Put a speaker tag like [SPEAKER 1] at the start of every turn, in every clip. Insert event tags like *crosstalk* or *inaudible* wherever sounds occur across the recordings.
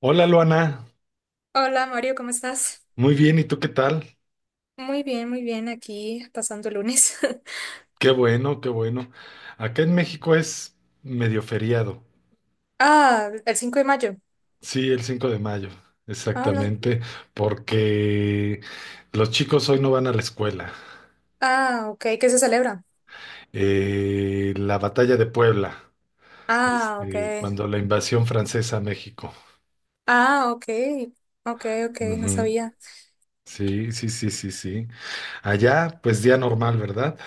[SPEAKER 1] Hola, Luana.
[SPEAKER 2] Hola Mario, ¿cómo estás?
[SPEAKER 1] Muy bien, ¿y tú qué tal?
[SPEAKER 2] Muy bien, aquí pasando el lunes. *laughs*
[SPEAKER 1] Qué bueno, qué bueno. Acá en México es medio feriado.
[SPEAKER 2] Ah, el 5 de mayo.
[SPEAKER 1] Sí, el 5 de mayo,
[SPEAKER 2] Ah, no.
[SPEAKER 1] exactamente, porque los chicos hoy no van a la escuela.
[SPEAKER 2] Ah, ok, ¿qué se celebra?
[SPEAKER 1] La batalla de Puebla,
[SPEAKER 2] Ah, ok.
[SPEAKER 1] cuando la invasión francesa a México.
[SPEAKER 2] Ah, ok. Ok, ok, no
[SPEAKER 1] Ujú.
[SPEAKER 2] sabía.
[SPEAKER 1] Sí, sí, sí, sí, sí. Allá, pues día normal, ¿verdad?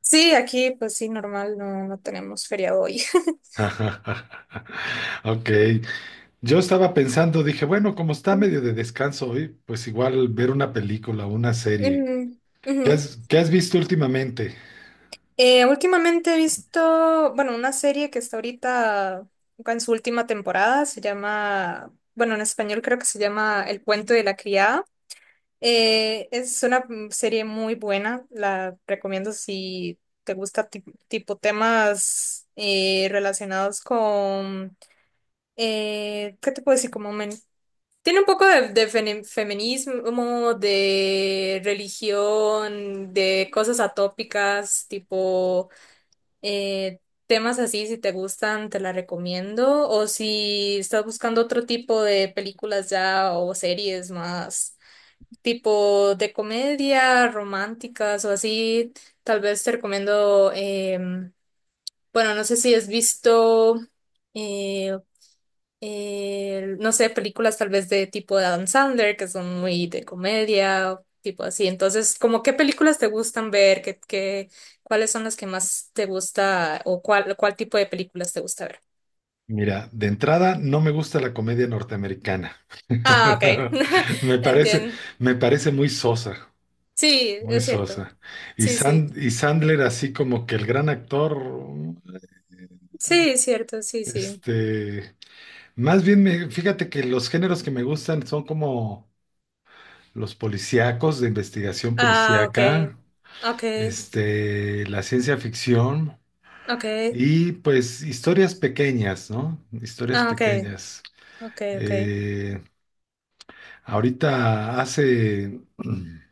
[SPEAKER 2] Sí, aquí pues sí, normal, no, no tenemos feriado hoy.
[SPEAKER 1] *laughs* Ok. Yo estaba pensando, dije, bueno, como está medio de
[SPEAKER 2] *laughs*
[SPEAKER 1] descanso hoy, pues igual ver una película o una serie.
[SPEAKER 2] Ujú, ujú.
[SPEAKER 1] Qué has visto últimamente?
[SPEAKER 2] Últimamente he visto, bueno, una serie que está ahorita en su última temporada, se llama, bueno, en español creo que se llama El cuento de la criada. Es una serie muy buena, la recomiendo si te gusta tipo temas relacionados con, ¿qué te puedo decir? Tiene un poco de, de feminismo, de religión, de cosas atópicas, tipo eh, temas así, si te gustan, te la recomiendo. O si estás buscando otro tipo de películas ya o series más tipo de comedia, románticas o así, tal vez te recomiendo, bueno, no sé si has visto, eh, no sé, películas tal vez de tipo de Adam Sandler, que son muy de comedia, o tipo así. Entonces, como qué películas te gustan ver, qué, qué, cuáles son las que más te gusta o cuál, cuál tipo de películas te gusta ver.
[SPEAKER 1] Mira, de entrada no me gusta la comedia norteamericana.
[SPEAKER 2] Ah, ok.
[SPEAKER 1] *laughs*
[SPEAKER 2] *laughs*
[SPEAKER 1] Me parece,
[SPEAKER 2] Entiendo.
[SPEAKER 1] me parece muy sosa,
[SPEAKER 2] Sí,
[SPEAKER 1] muy
[SPEAKER 2] es cierto.
[SPEAKER 1] sosa. Y,
[SPEAKER 2] Sí, sí.
[SPEAKER 1] Sand- y Sandler así como que el gran actor.
[SPEAKER 2] Sí, es cierto, sí, sí.
[SPEAKER 1] este, Más bien me, fíjate que los géneros que me gustan son como los policíacos, de investigación
[SPEAKER 2] Ah,
[SPEAKER 1] policíaca.
[SPEAKER 2] okay, okay,
[SPEAKER 1] La ciencia ficción
[SPEAKER 2] okay,
[SPEAKER 1] y pues historias pequeñas, ¿no? Historias
[SPEAKER 2] ah, okay,
[SPEAKER 1] pequeñas.
[SPEAKER 2] okay, okay,
[SPEAKER 1] Eh, Ahorita hace, *clears throat*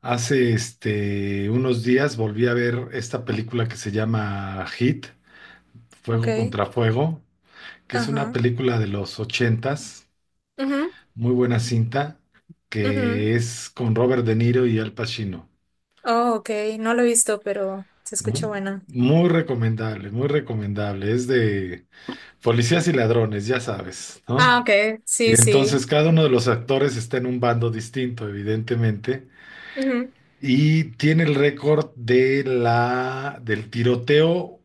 [SPEAKER 1] hace unos días volví a ver esta película que se llama Hit, Fuego
[SPEAKER 2] okay,
[SPEAKER 1] contra Fuego, que es una
[SPEAKER 2] ajá,
[SPEAKER 1] película de los ochentas,
[SPEAKER 2] mhm,
[SPEAKER 1] muy buena cinta,
[SPEAKER 2] mhm,
[SPEAKER 1] que es con Robert De Niro y Al Pacino.
[SPEAKER 2] oh, okay, no lo he visto, pero se escucha buena.
[SPEAKER 1] Muy recomendable, muy recomendable. Es de policías y ladrones, ya sabes,
[SPEAKER 2] Ah,
[SPEAKER 1] ¿no?
[SPEAKER 2] okay,
[SPEAKER 1] Y
[SPEAKER 2] sí, sí,
[SPEAKER 1] entonces cada uno de los actores está en un bando distinto, evidentemente,
[SPEAKER 2] mhm,
[SPEAKER 1] y tiene el récord de la, del tiroteo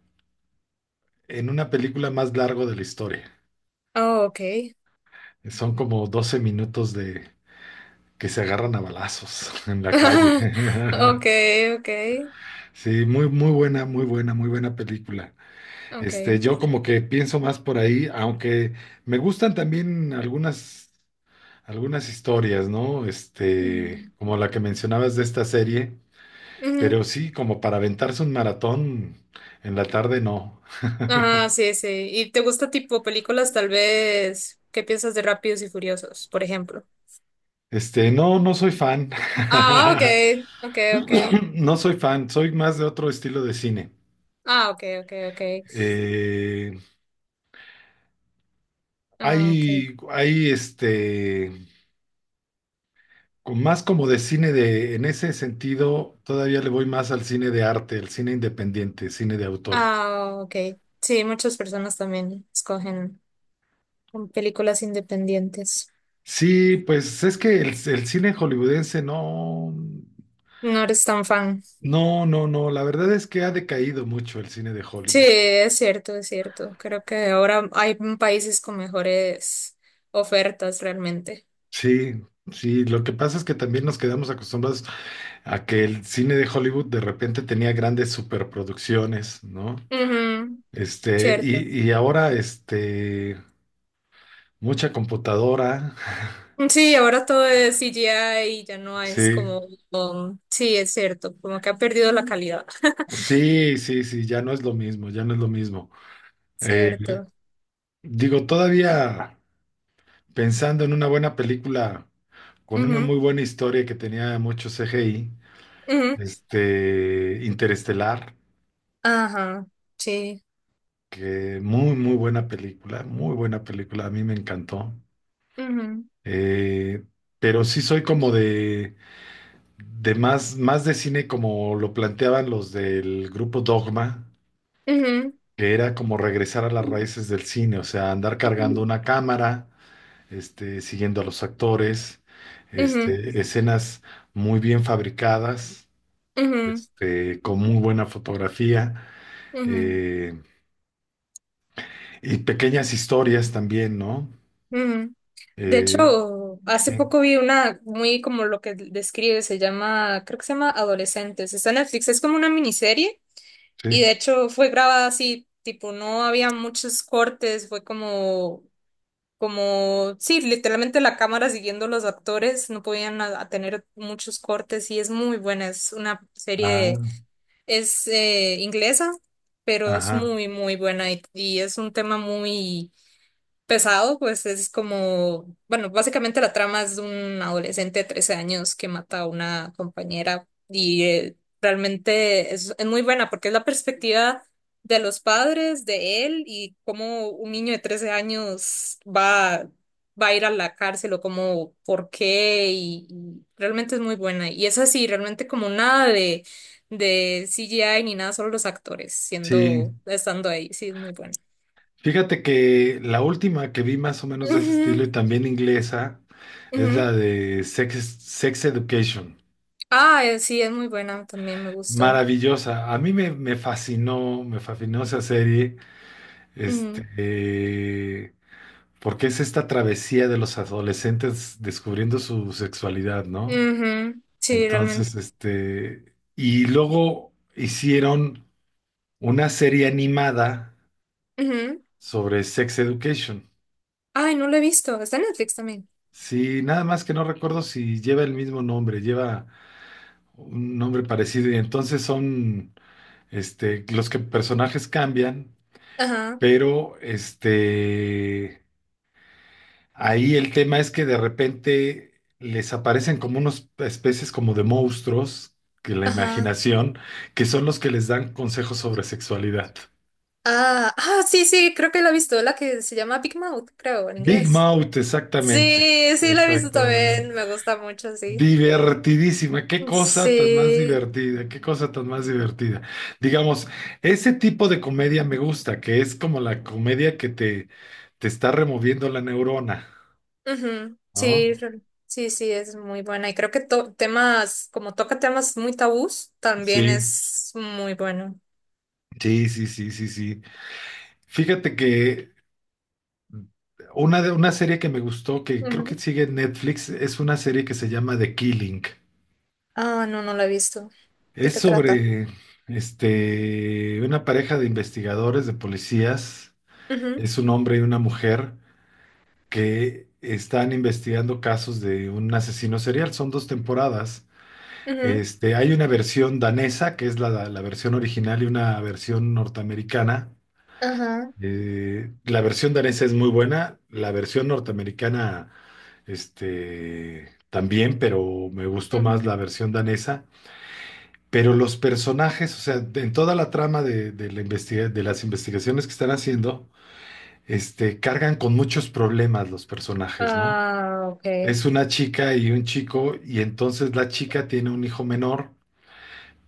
[SPEAKER 1] en una película más largo de la historia.
[SPEAKER 2] oh, okay,
[SPEAKER 1] Son como 12 minutos de que se agarran a balazos *laughs* en la calle.
[SPEAKER 2] *laughs*
[SPEAKER 1] *laughs*
[SPEAKER 2] okay, okay,
[SPEAKER 1] Sí, muy, muy buena, muy buena, muy buena película.
[SPEAKER 2] okay,
[SPEAKER 1] Yo como que pienso más por ahí, aunque me gustan también algunas historias, ¿no?
[SPEAKER 2] mm,
[SPEAKER 1] Como la que mencionabas de esta serie,
[SPEAKER 2] ujú.
[SPEAKER 1] pero sí, como para aventarse un maratón en la tarde, no.
[SPEAKER 2] Ah, sí, sí. ¿Y te gusta tipo películas tal vez? ¿Qué piensas de Rápidos y Furiosos, por ejemplo?
[SPEAKER 1] No, no soy fan.
[SPEAKER 2] Ah,
[SPEAKER 1] *laughs*
[SPEAKER 2] okay, okay, okay,
[SPEAKER 1] No soy fan, soy más de otro estilo de cine.
[SPEAKER 2] ah, okay, okay, okay.
[SPEAKER 1] Eh,
[SPEAKER 2] Ah, ok.
[SPEAKER 1] Hay, hay más como de cine de, en ese sentido, todavía le voy más al cine de arte, al cine independiente, cine de autor.
[SPEAKER 2] Ah, ok. Sí, muchas personas también escogen con películas independientes.
[SPEAKER 1] Sí, pues es que el cine hollywoodense no.
[SPEAKER 2] No eres tan fan.
[SPEAKER 1] No, no, no, la verdad es que ha decaído mucho el cine de
[SPEAKER 2] Sí,
[SPEAKER 1] Hollywood.
[SPEAKER 2] es cierto, es cierto. Creo que ahora hay países con mejores ofertas realmente.
[SPEAKER 1] Sí, sí, lo que pasa es que también nos quedamos acostumbrados a que el cine de Hollywood de repente tenía grandes superproducciones, ¿no?
[SPEAKER 2] Ujú, cierto.
[SPEAKER 1] Y, y ahora, mucha computadora.
[SPEAKER 2] Sí, ahora todo es CGI y ya no es
[SPEAKER 1] Sí,
[SPEAKER 2] como... sí, es cierto, como que ha perdido la calidad. *laughs*
[SPEAKER 1] sí, sí, sí, ya no es lo mismo, ya no es lo mismo. Eh,
[SPEAKER 2] Cierto.
[SPEAKER 1] Digo, todavía pensando en una buena película con una
[SPEAKER 2] Ujú,
[SPEAKER 1] muy buena historia que tenía mucho CGI.
[SPEAKER 2] ujú.
[SPEAKER 1] Interestelar,
[SPEAKER 2] Ajá, sí.
[SPEAKER 1] que muy, muy buena película, a mí me encantó.
[SPEAKER 2] Ujú,
[SPEAKER 1] Eh, pero sí soy como de más, más de cine como lo planteaban los del grupo Dogma,
[SPEAKER 2] ujú,
[SPEAKER 1] que era como regresar a las raíces del cine, o sea, andar cargando una cámara, siguiendo a los actores,
[SPEAKER 2] ujú,
[SPEAKER 1] escenas muy bien fabricadas,
[SPEAKER 2] ujú,
[SPEAKER 1] con muy buena fotografía.
[SPEAKER 2] ujú.
[SPEAKER 1] eh, Y pequeñas historias también, ¿no?
[SPEAKER 2] Ujú. De
[SPEAKER 1] Eh,
[SPEAKER 2] hecho, hace
[SPEAKER 1] sí,
[SPEAKER 2] poco vi una muy como lo que describe, se llama, creo que se llama Adolescentes. Está en Netflix, es como una miniserie y de
[SPEAKER 1] sí.
[SPEAKER 2] hecho fue grabada así, tipo, no había muchos cortes, fue como, como, sí, literalmente la cámara siguiendo los actores, no podían a tener muchos cortes y es muy buena, es una serie,
[SPEAKER 1] Ah,
[SPEAKER 2] es inglesa, pero es
[SPEAKER 1] ajá.
[SPEAKER 2] muy, muy buena y es un tema muy pesado, pues es como, bueno, básicamente la trama es de un adolescente de 13 años que mata a una compañera y realmente es muy buena porque es la perspectiva de los padres, de él y cómo un niño de 13 años va, va a ir a la cárcel o cómo, por qué y realmente es muy buena. Y es así, realmente como nada de, de CGI ni nada, solo los actores
[SPEAKER 1] Sí.
[SPEAKER 2] siendo, estando ahí, sí, es muy buena.
[SPEAKER 1] Fíjate que la última que vi más o menos de ese estilo
[SPEAKER 2] Ujú,
[SPEAKER 1] y también inglesa es
[SPEAKER 2] ujú.
[SPEAKER 1] la de Sex, Sex Education.
[SPEAKER 2] Ah, sí, es muy buena, también me gustó.
[SPEAKER 1] Maravillosa. A mí me, me fascinó esa serie. este,
[SPEAKER 2] Ujú.
[SPEAKER 1] eh, Porque es esta travesía de los adolescentes descubriendo su sexualidad, ¿no?
[SPEAKER 2] Ujú. Sí, realmente.
[SPEAKER 1] Entonces, y luego hicieron una serie animada
[SPEAKER 2] Ujú.
[SPEAKER 1] sobre Sex Education.
[SPEAKER 2] Ay, no lo he visto, está en Netflix también.
[SPEAKER 1] Sí, nada más que no recuerdo si lleva el mismo nombre, lleva un nombre parecido y entonces son los que personajes cambian,
[SPEAKER 2] Ajá,
[SPEAKER 1] pero ahí el tema es que de repente les aparecen como unas especies como de monstruos, que la
[SPEAKER 2] ajá.
[SPEAKER 1] imaginación, que son los que les dan consejos sobre sexualidad.
[SPEAKER 2] Ah, ah, sí, sí, creo que la he visto, la que se llama Big Mouth, creo, en
[SPEAKER 1] Big
[SPEAKER 2] inglés.
[SPEAKER 1] Mouth, exactamente.
[SPEAKER 2] Sí, sí, la he visto
[SPEAKER 1] Exactamente.
[SPEAKER 2] también, me gusta mucho, sí.
[SPEAKER 1] Divertidísima, qué cosa tan más
[SPEAKER 2] Sí,
[SPEAKER 1] divertida, qué cosa tan más divertida. Digamos, ese tipo de comedia me gusta, que es como la comedia que te está removiendo la neurona,
[SPEAKER 2] ujú, Sí,
[SPEAKER 1] ¿no?
[SPEAKER 2] sí, sí, es muy buena. Y creo que temas, como toca temas muy tabús, también
[SPEAKER 1] Sí,
[SPEAKER 2] es muy bueno.
[SPEAKER 1] sí, sí, sí, sí, sí. Fíjate que una, de, una serie que me gustó, que creo que
[SPEAKER 2] Ujú.
[SPEAKER 1] sigue en Netflix, es una serie que se llama The Killing.
[SPEAKER 2] Ah, no, no la he visto. ¿De
[SPEAKER 1] Es
[SPEAKER 2] qué trata?
[SPEAKER 1] sobre una pareja de investigadores, de policías,
[SPEAKER 2] Ujú,
[SPEAKER 1] es un hombre y una mujer que están investigando casos de un asesino serial. Son dos temporadas.
[SPEAKER 2] ujú,
[SPEAKER 1] Hay una versión danesa, que es la, la versión original, y una versión norteamericana.
[SPEAKER 2] Ajá,
[SPEAKER 1] La versión danesa es muy buena, la versión norteamericana, también, pero me gustó más
[SPEAKER 2] ujú.
[SPEAKER 1] la versión danesa. Pero los personajes, o sea, en toda la trama de la de las investigaciones que están haciendo, cargan con muchos problemas los personajes, ¿no?
[SPEAKER 2] Ah, ok.
[SPEAKER 1] Es una chica y un chico, y entonces la chica tiene un hijo menor,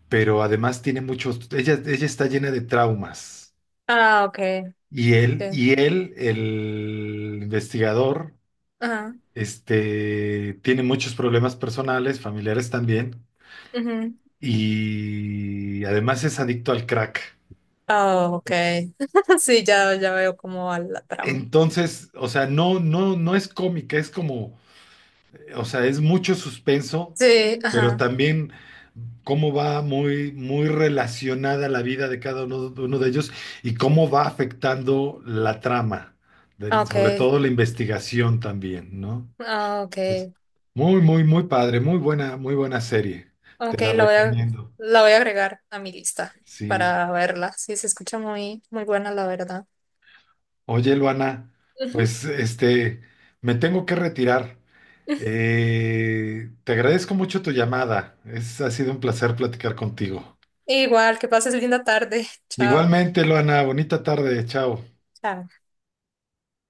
[SPEAKER 1] pero además tiene muchos, ella está llena de traumas.
[SPEAKER 2] Ah, ok. Sí.
[SPEAKER 1] Y él, el investigador,
[SPEAKER 2] Ajá.
[SPEAKER 1] tiene muchos problemas personales, familiares también,
[SPEAKER 2] Ujú.
[SPEAKER 1] y además es adicto al crack.
[SPEAKER 2] Ah, ok. *laughs* Sí, ya, ya veo cómo va la trama.
[SPEAKER 1] Entonces, o sea, no, no, no es cómica, es como... O sea, es mucho suspenso,
[SPEAKER 2] Sí,
[SPEAKER 1] pero
[SPEAKER 2] ajá.
[SPEAKER 1] también cómo va muy, muy relacionada la vida de cada uno de ellos y cómo va afectando la trama, sobre
[SPEAKER 2] Ok.
[SPEAKER 1] todo la investigación también, ¿no?
[SPEAKER 2] Ah,
[SPEAKER 1] Es
[SPEAKER 2] ok.
[SPEAKER 1] muy, muy, muy padre, muy buena serie. Te
[SPEAKER 2] Ok,
[SPEAKER 1] la
[SPEAKER 2] la voy a,
[SPEAKER 1] recomiendo.
[SPEAKER 2] la voy a agregar a mi lista
[SPEAKER 1] Sí.
[SPEAKER 2] para verla. Sí, se escucha muy, muy buena, la verdad.
[SPEAKER 1] Oye, Luana,
[SPEAKER 2] Ujú,
[SPEAKER 1] pues me tengo que retirar.
[SPEAKER 2] ujú.
[SPEAKER 1] Te agradezco mucho tu llamada. Es, ha sido un placer platicar contigo.
[SPEAKER 2] Igual, que pases linda tarde. *laughs* Chao.
[SPEAKER 1] Igualmente, Luana, bonita tarde, chao.
[SPEAKER 2] Chao.